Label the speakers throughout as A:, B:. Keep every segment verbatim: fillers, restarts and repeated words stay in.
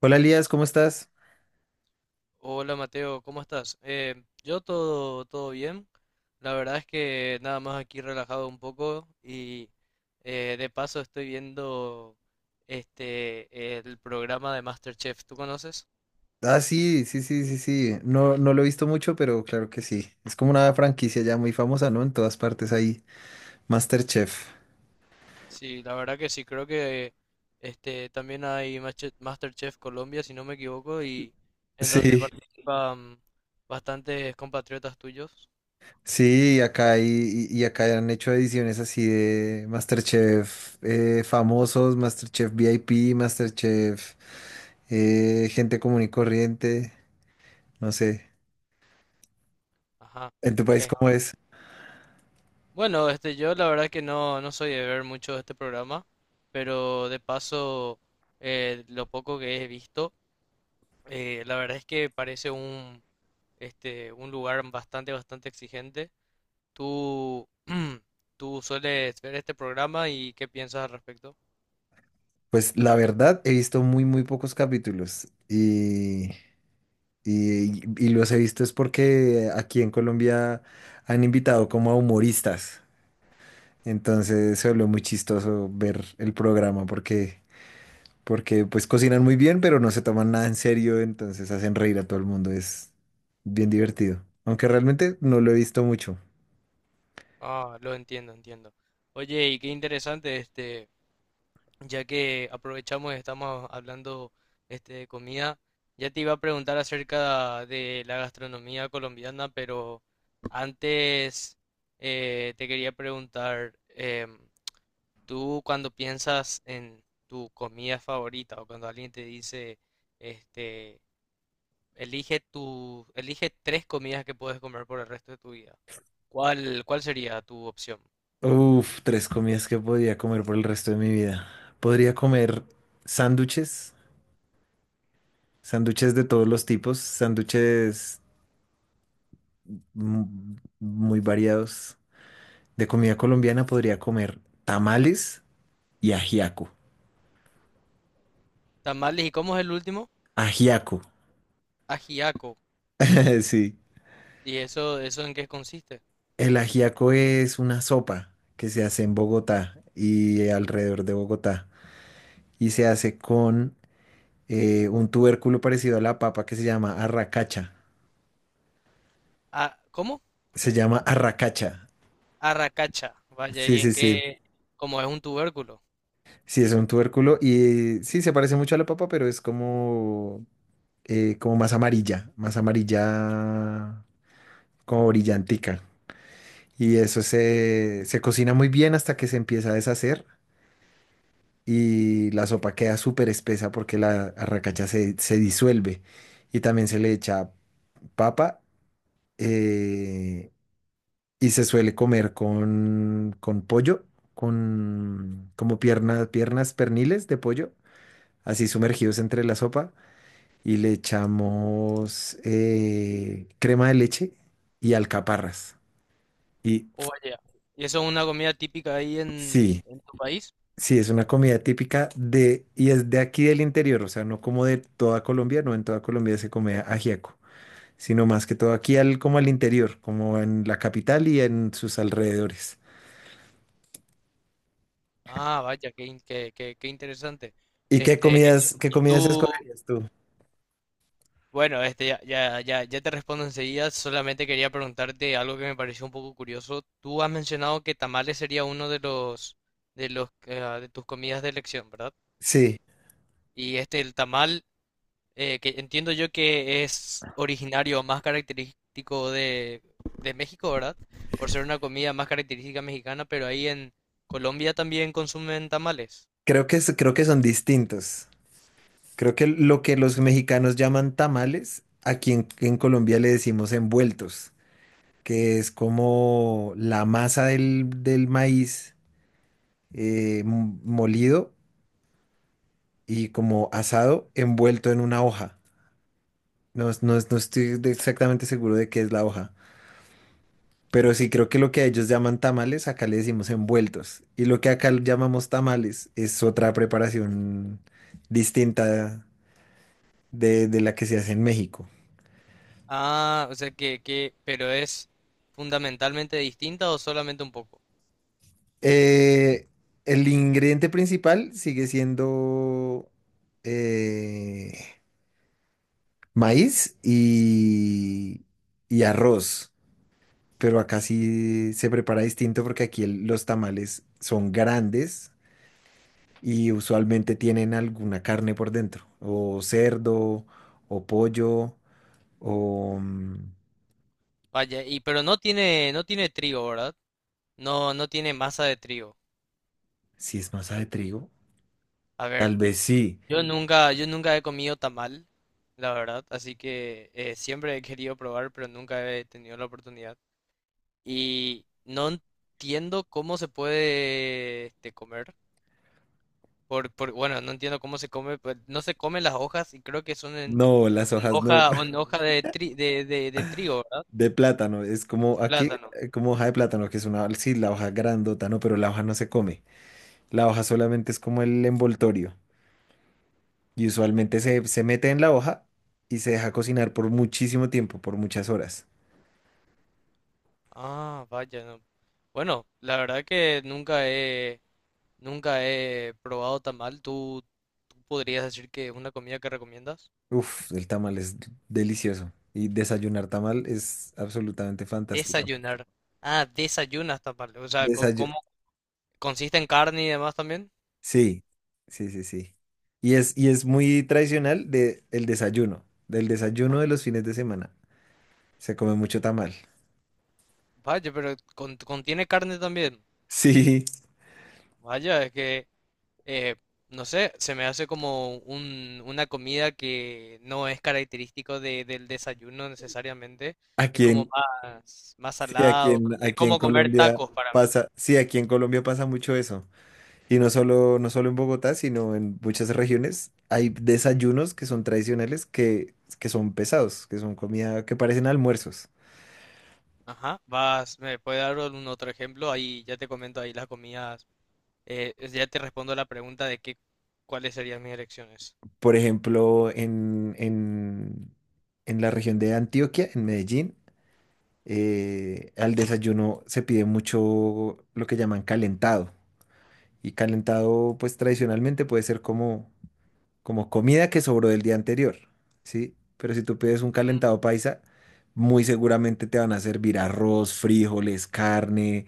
A: Hola Elías, ¿cómo estás?
B: Hola Mateo, ¿cómo estás? Eh, yo todo, todo bien. La verdad es que nada más aquí relajado un poco y eh, de paso estoy viendo este el programa de MasterChef. ¿Tú conoces?
A: Ah, sí, sí, sí, sí, sí. No, no lo he visto mucho, pero claro que sí. Es como una franquicia ya muy famosa, ¿no? En todas partes hay MasterChef.
B: Sí, la verdad que sí, creo que este también hay Mache- MasterChef Colombia, si no me equivoco, y en donde
A: Sí,
B: participan bastantes compatriotas tuyos.
A: sí, acá hay, y y acá han hecho ediciones así de MasterChef eh, famosos, MasterChef V I P, MasterChef eh, gente común y corriente, no sé.
B: Ajá.
A: ¿En tu país cómo es?
B: Bueno, este, yo la verdad que no, no soy de ver mucho este programa, pero de paso, eh, lo poco que he visto, eh, la verdad es que parece un, este, un lugar bastante, bastante exigente. ¿Tú, tú sueles ver este programa y qué piensas al respecto?
A: Pues la verdad, he visto muy, muy pocos capítulos y... Y, y los he visto es porque aquí en Colombia han invitado como a humoristas. Entonces se volvió muy chistoso ver el programa porque, porque pues cocinan muy bien, pero no se toman nada en serio, entonces hacen reír a todo el mundo. Es bien divertido. Aunque realmente no lo he visto mucho.
B: Ah, lo entiendo, entiendo. Oye, y qué interesante, este, ya que aprovechamos y estamos hablando este, de comida, ya te iba a preguntar acerca de la gastronomía colombiana, pero antes eh, te quería preguntar, em, tú cuando piensas en tu comida favorita o cuando alguien te dice, este, elige tu, elige tres comidas que puedes comer por el resto de tu vida, ¿cuál, ¿cuál sería tu opción?
A: Uf, tres comidas que podría comer por el resto de mi vida. Podría comer sándwiches, sándwiches de todos los tipos, sándwiches mm, muy variados. De comida colombiana podría comer tamales y ajiaco.
B: Tamales, ¿y cómo es el último?
A: Ajiaco,
B: Ajiaco.
A: sí.
B: ¿Y eso, eso en qué consiste?
A: El ajiaco es una sopa que se hace en Bogotá y alrededor de Bogotá. Y se hace con eh, un tubérculo parecido a la papa que se llama arracacha.
B: Ah, ¿cómo?
A: Se llama arracacha.
B: Arracacha, vaya, ¿y
A: Sí,
B: en
A: sí,
B: sí,
A: sí.
B: qué? Como es un tubérculo.
A: Sí, es un tubérculo y sí, se parece mucho a la papa, pero es como, eh, como más amarilla, más amarilla, como brillantica. Y eso se, se cocina muy bien hasta que se empieza a deshacer y la sopa queda súper espesa porque la arracacha se, se disuelve. Y también se le echa papa eh, y se suele comer con, con pollo, con como piernas, piernas perniles de pollo, así sumergidos entre la sopa. Y le echamos eh, crema de leche y alcaparras. Y
B: Oh, vaya. ¿Y eso es una comida típica ahí en,
A: sí.
B: en tu país?
A: Sí, es una comida típica de, y es de aquí del interior, o sea, no como de toda Colombia, no en toda Colombia se come ajiaco, sino más que todo aquí al, como al interior, como en la capital y en sus alrededores.
B: Ah, vaya, qué, in- qué, qué, qué interesante.
A: ¿Y qué
B: Este,
A: comidas, qué comidas
B: tú,
A: escogerías tú?
B: bueno, este, ya, ya, ya, ya te respondo enseguida, solamente quería preguntarte algo que me pareció un poco curioso. Tú has mencionado que tamales sería uno de los, de los, eh, de tus comidas de elección, ¿verdad?
A: Sí,
B: Y este, el tamal eh, que entiendo yo que es originario más característico de, de México, ¿verdad? Por ser una comida más característica mexicana, pero ahí en Colombia también consumen tamales.
A: creo que, es- creo que son distintos. Creo que lo que los mexicanos llaman tamales, aquí en, en Colombia le decimos envueltos, que es como la masa del, del maíz eh, m- molido y como asado envuelto en una hoja. No, es- no, es- no estoy de- exactamente seguro de qué es la hoja, pero sí creo que lo que ellos llaman tamales, acá le decimos envueltos. Y lo que acá llamamos tamales es otra preparación distinta de, de la que se hace en México.
B: Ah, o sea que, que, pero es fundamentalmente distinta o solamente un poco.
A: Eh, el ingrediente principal sigue siendo eh, maíz y, y arroz. Pero acá sí se prepara distinto porque aquí el- los tamales son grandes y usualmente tienen alguna carne por dentro, o cerdo, o pollo, o mm,
B: Vaya, y pero no tiene, no tiene trigo, ¿verdad? No, no tiene masa de trigo.
A: si es masa de trigo,
B: A ver,
A: tal vez sí.
B: yo nunca, yo nunca he comido tamal, la verdad, así que eh, siempre he querido probar, pero nunca he tenido la oportunidad. Y no entiendo cómo se puede este, comer. Por, por, bueno, no entiendo cómo se come, pues. No se comen las hojas y creo que son en
A: No, las hojas no,
B: hoja, en hoja de, tri- de, de, de trigo, ¿verdad?
A: de plátano, es como
B: De
A: aquí,
B: plátano.
A: eh, como hoja de plátano, que es una, sí, la hoja grandota, no, pero la hoja no se come, la hoja solamente es como el envoltorio y usualmente se, se mete en la hoja y se deja cocinar por muchísimo tiempo, por muchas horas.
B: Ah, vaya, no. Bueno, la verdad que nunca he, nunca he probado tamal. ¿Tú, ¿tú podrías decir que es una comida que recomiendas?
A: Uf, el tamal es delicioso. Y desayunar tamal es absolutamente fantástico.
B: Desayunar. Ah, desayunas tamal. O sea, co-
A: Desayu-
B: ¿cómo consiste en carne y demás también?
A: Sí, sí, sí, sí. Y es, y es muy tradicional de el desayuno, del desayuno de los fines de semana. Se come mucho tamal.
B: Vaya, pero con- contiene carne también.
A: Sí,
B: Vaya, es que, eh, no sé, se me hace como un, una comida que no es característico de- del desayuno necesariamente. Es
A: aquí
B: como
A: en,
B: más, más
A: sí, aquí
B: salado.
A: en,
B: Es
A: aquí en
B: como comer
A: Colombia
B: tacos para mí.
A: pasa, sí, aquí en Colombia pasa mucho eso. Y no solo, no solo en Bogotá, sino en muchas regiones hay desayunos que son tradicionales que, que son pesados, que son comida, que parecen almuerzos.
B: Ajá. Vas, ¿me puede dar un otro ejemplo? Ahí ya te comento ahí las comidas. eh, ya te respondo la pregunta de qué, cuáles serían mis elecciones.
A: Por ejemplo, en, en, en la región de Antioquia, en Medellín, eh, al desayuno se pide mucho lo que llaman calentado. Y calentado, pues tradicionalmente puede ser como, como comida que sobró del día anterior, ¿sí? Pero si tú pides un
B: Mm.
A: calentado paisa, muy seguramente te van a servir arroz, frijoles, carne.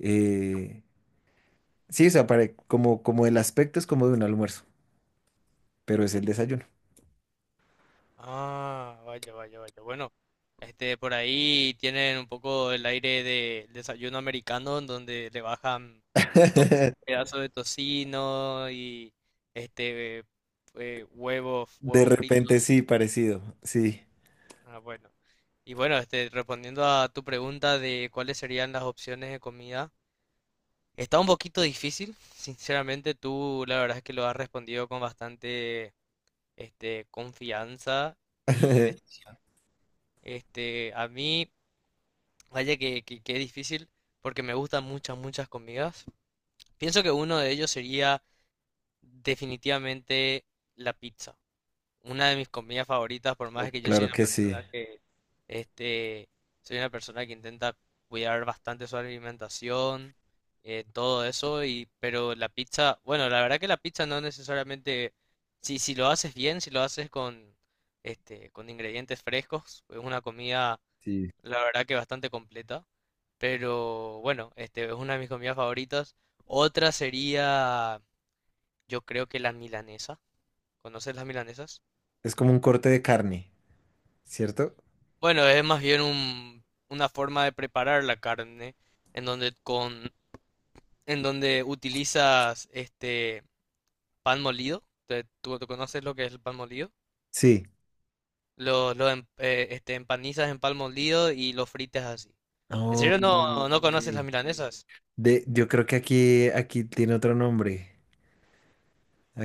A: eh, sí, o sea, para- como, como el aspecto es como de un almuerzo, pero es el desayuno.
B: Ah, vaya, vaya, vaya. Bueno, este, por ahí tienen un poco el aire del desayuno americano, en donde le bajan. Pedazo de tocino y este eh, huevos,
A: De
B: huevos
A: repente
B: fritos.
A: sí, parecido, sí.
B: Ah, bueno. Y bueno, este, respondiendo a tu pregunta de cuáles serían las opciones de comida, está un poquito difícil. Sinceramente, tú la verdad es que lo has respondido con bastante este, confianza y des- este, a mí, vaya que, que, que es difícil porque me gustan muchas, muchas comidas. Pienso que uno de ellos sería definitivamente la pizza. Una de mis comidas favoritas, por
A: Uf,
B: más que yo soy
A: claro
B: una
A: que sí,
B: persona que, este, soy una persona que intenta cuidar bastante su alimentación, eh, todo eso, y, pero la pizza, bueno, la verdad que la pizza no necesariamente, si, si lo haces bien, si lo haces con, este, con ingredientes frescos, es una comida,
A: sí.
B: la verdad que bastante completa, pero bueno, este, es una de mis comidas favoritas. Otra sería, yo creo que la milanesa. ¿Conoces las milanesas?
A: Es como un corte de carne, ¿cierto?
B: Bueno, es más bien un- una forma de preparar la carne en donde con en donde utilizas este pan molido. Te- ¿Tú, ¿tú conoces lo que es el pan molido?
A: Sí.
B: Lo, lo em- eh, este, empanizas en pan molido y lo fritas así. ¿En
A: Oh,
B: serio no, no conoces las
A: ok.
B: milanesas?
A: De, yo creo que aquí, aquí tiene otro nombre.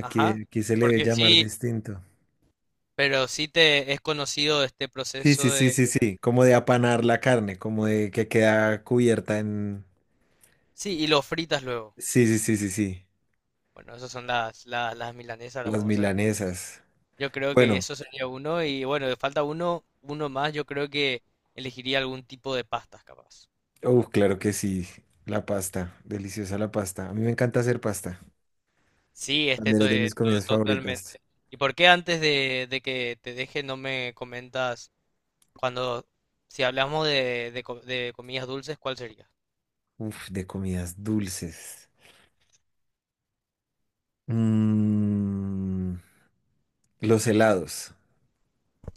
B: Ajá.
A: aquí se le debe
B: Porque
A: llamar
B: sí,
A: distinto.
B: pero sí te es conocido este
A: Sí,
B: proceso
A: sí, sí,
B: de...
A: sí, sí. Como de apanar la carne, como de que queda cubierta en...
B: Sí, y lo fritas luego.
A: Sí, sí, sí, sí, sí.
B: Bueno, esas son las, las, las milanesas, las
A: Las
B: famosas.
A: milanesas.
B: Yo creo que
A: Bueno,
B: eso sería uno y bueno, de falta uno, uno más, yo creo que elegiría algún tipo de pastas capaz.
A: uf, claro que sí. La pasta, deliciosa la pasta. A mí me encanta hacer pasta.
B: Sí, este
A: También
B: to-
A: es de
B: eh,
A: mis comidas
B: to-
A: favoritas.
B: totalmente. ¿Y por qué antes de, de que te deje no me comentas cuando, si hablamos de, de, co- de comidas dulces, ¿cuál sería?
A: Uf, de comidas dulces. Mm, los helados,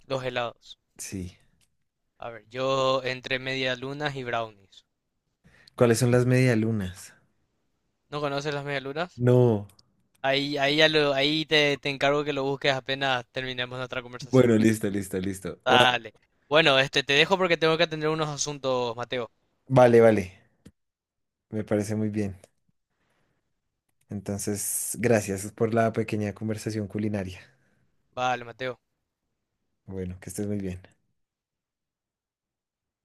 B: Los helados.
A: sí.
B: A ver, yo entre medialunas y brownies.
A: ¿Cuáles son las medialunas?
B: ¿No conoces las medialunas?
A: No.
B: Ahí, ahí ya lo, ahí te, te encargo que lo busques apenas terminemos nuestra conversación.
A: Bueno, listo, listo, listo. Ua-
B: Dale. Bueno, este, te dejo porque tengo que atender unos asuntos, Mateo.
A: Vale, vale. Me parece muy bien. Entonces, gracias por la pequeña conversación culinaria.
B: Vale, Mateo.
A: Bueno, que estés muy bien.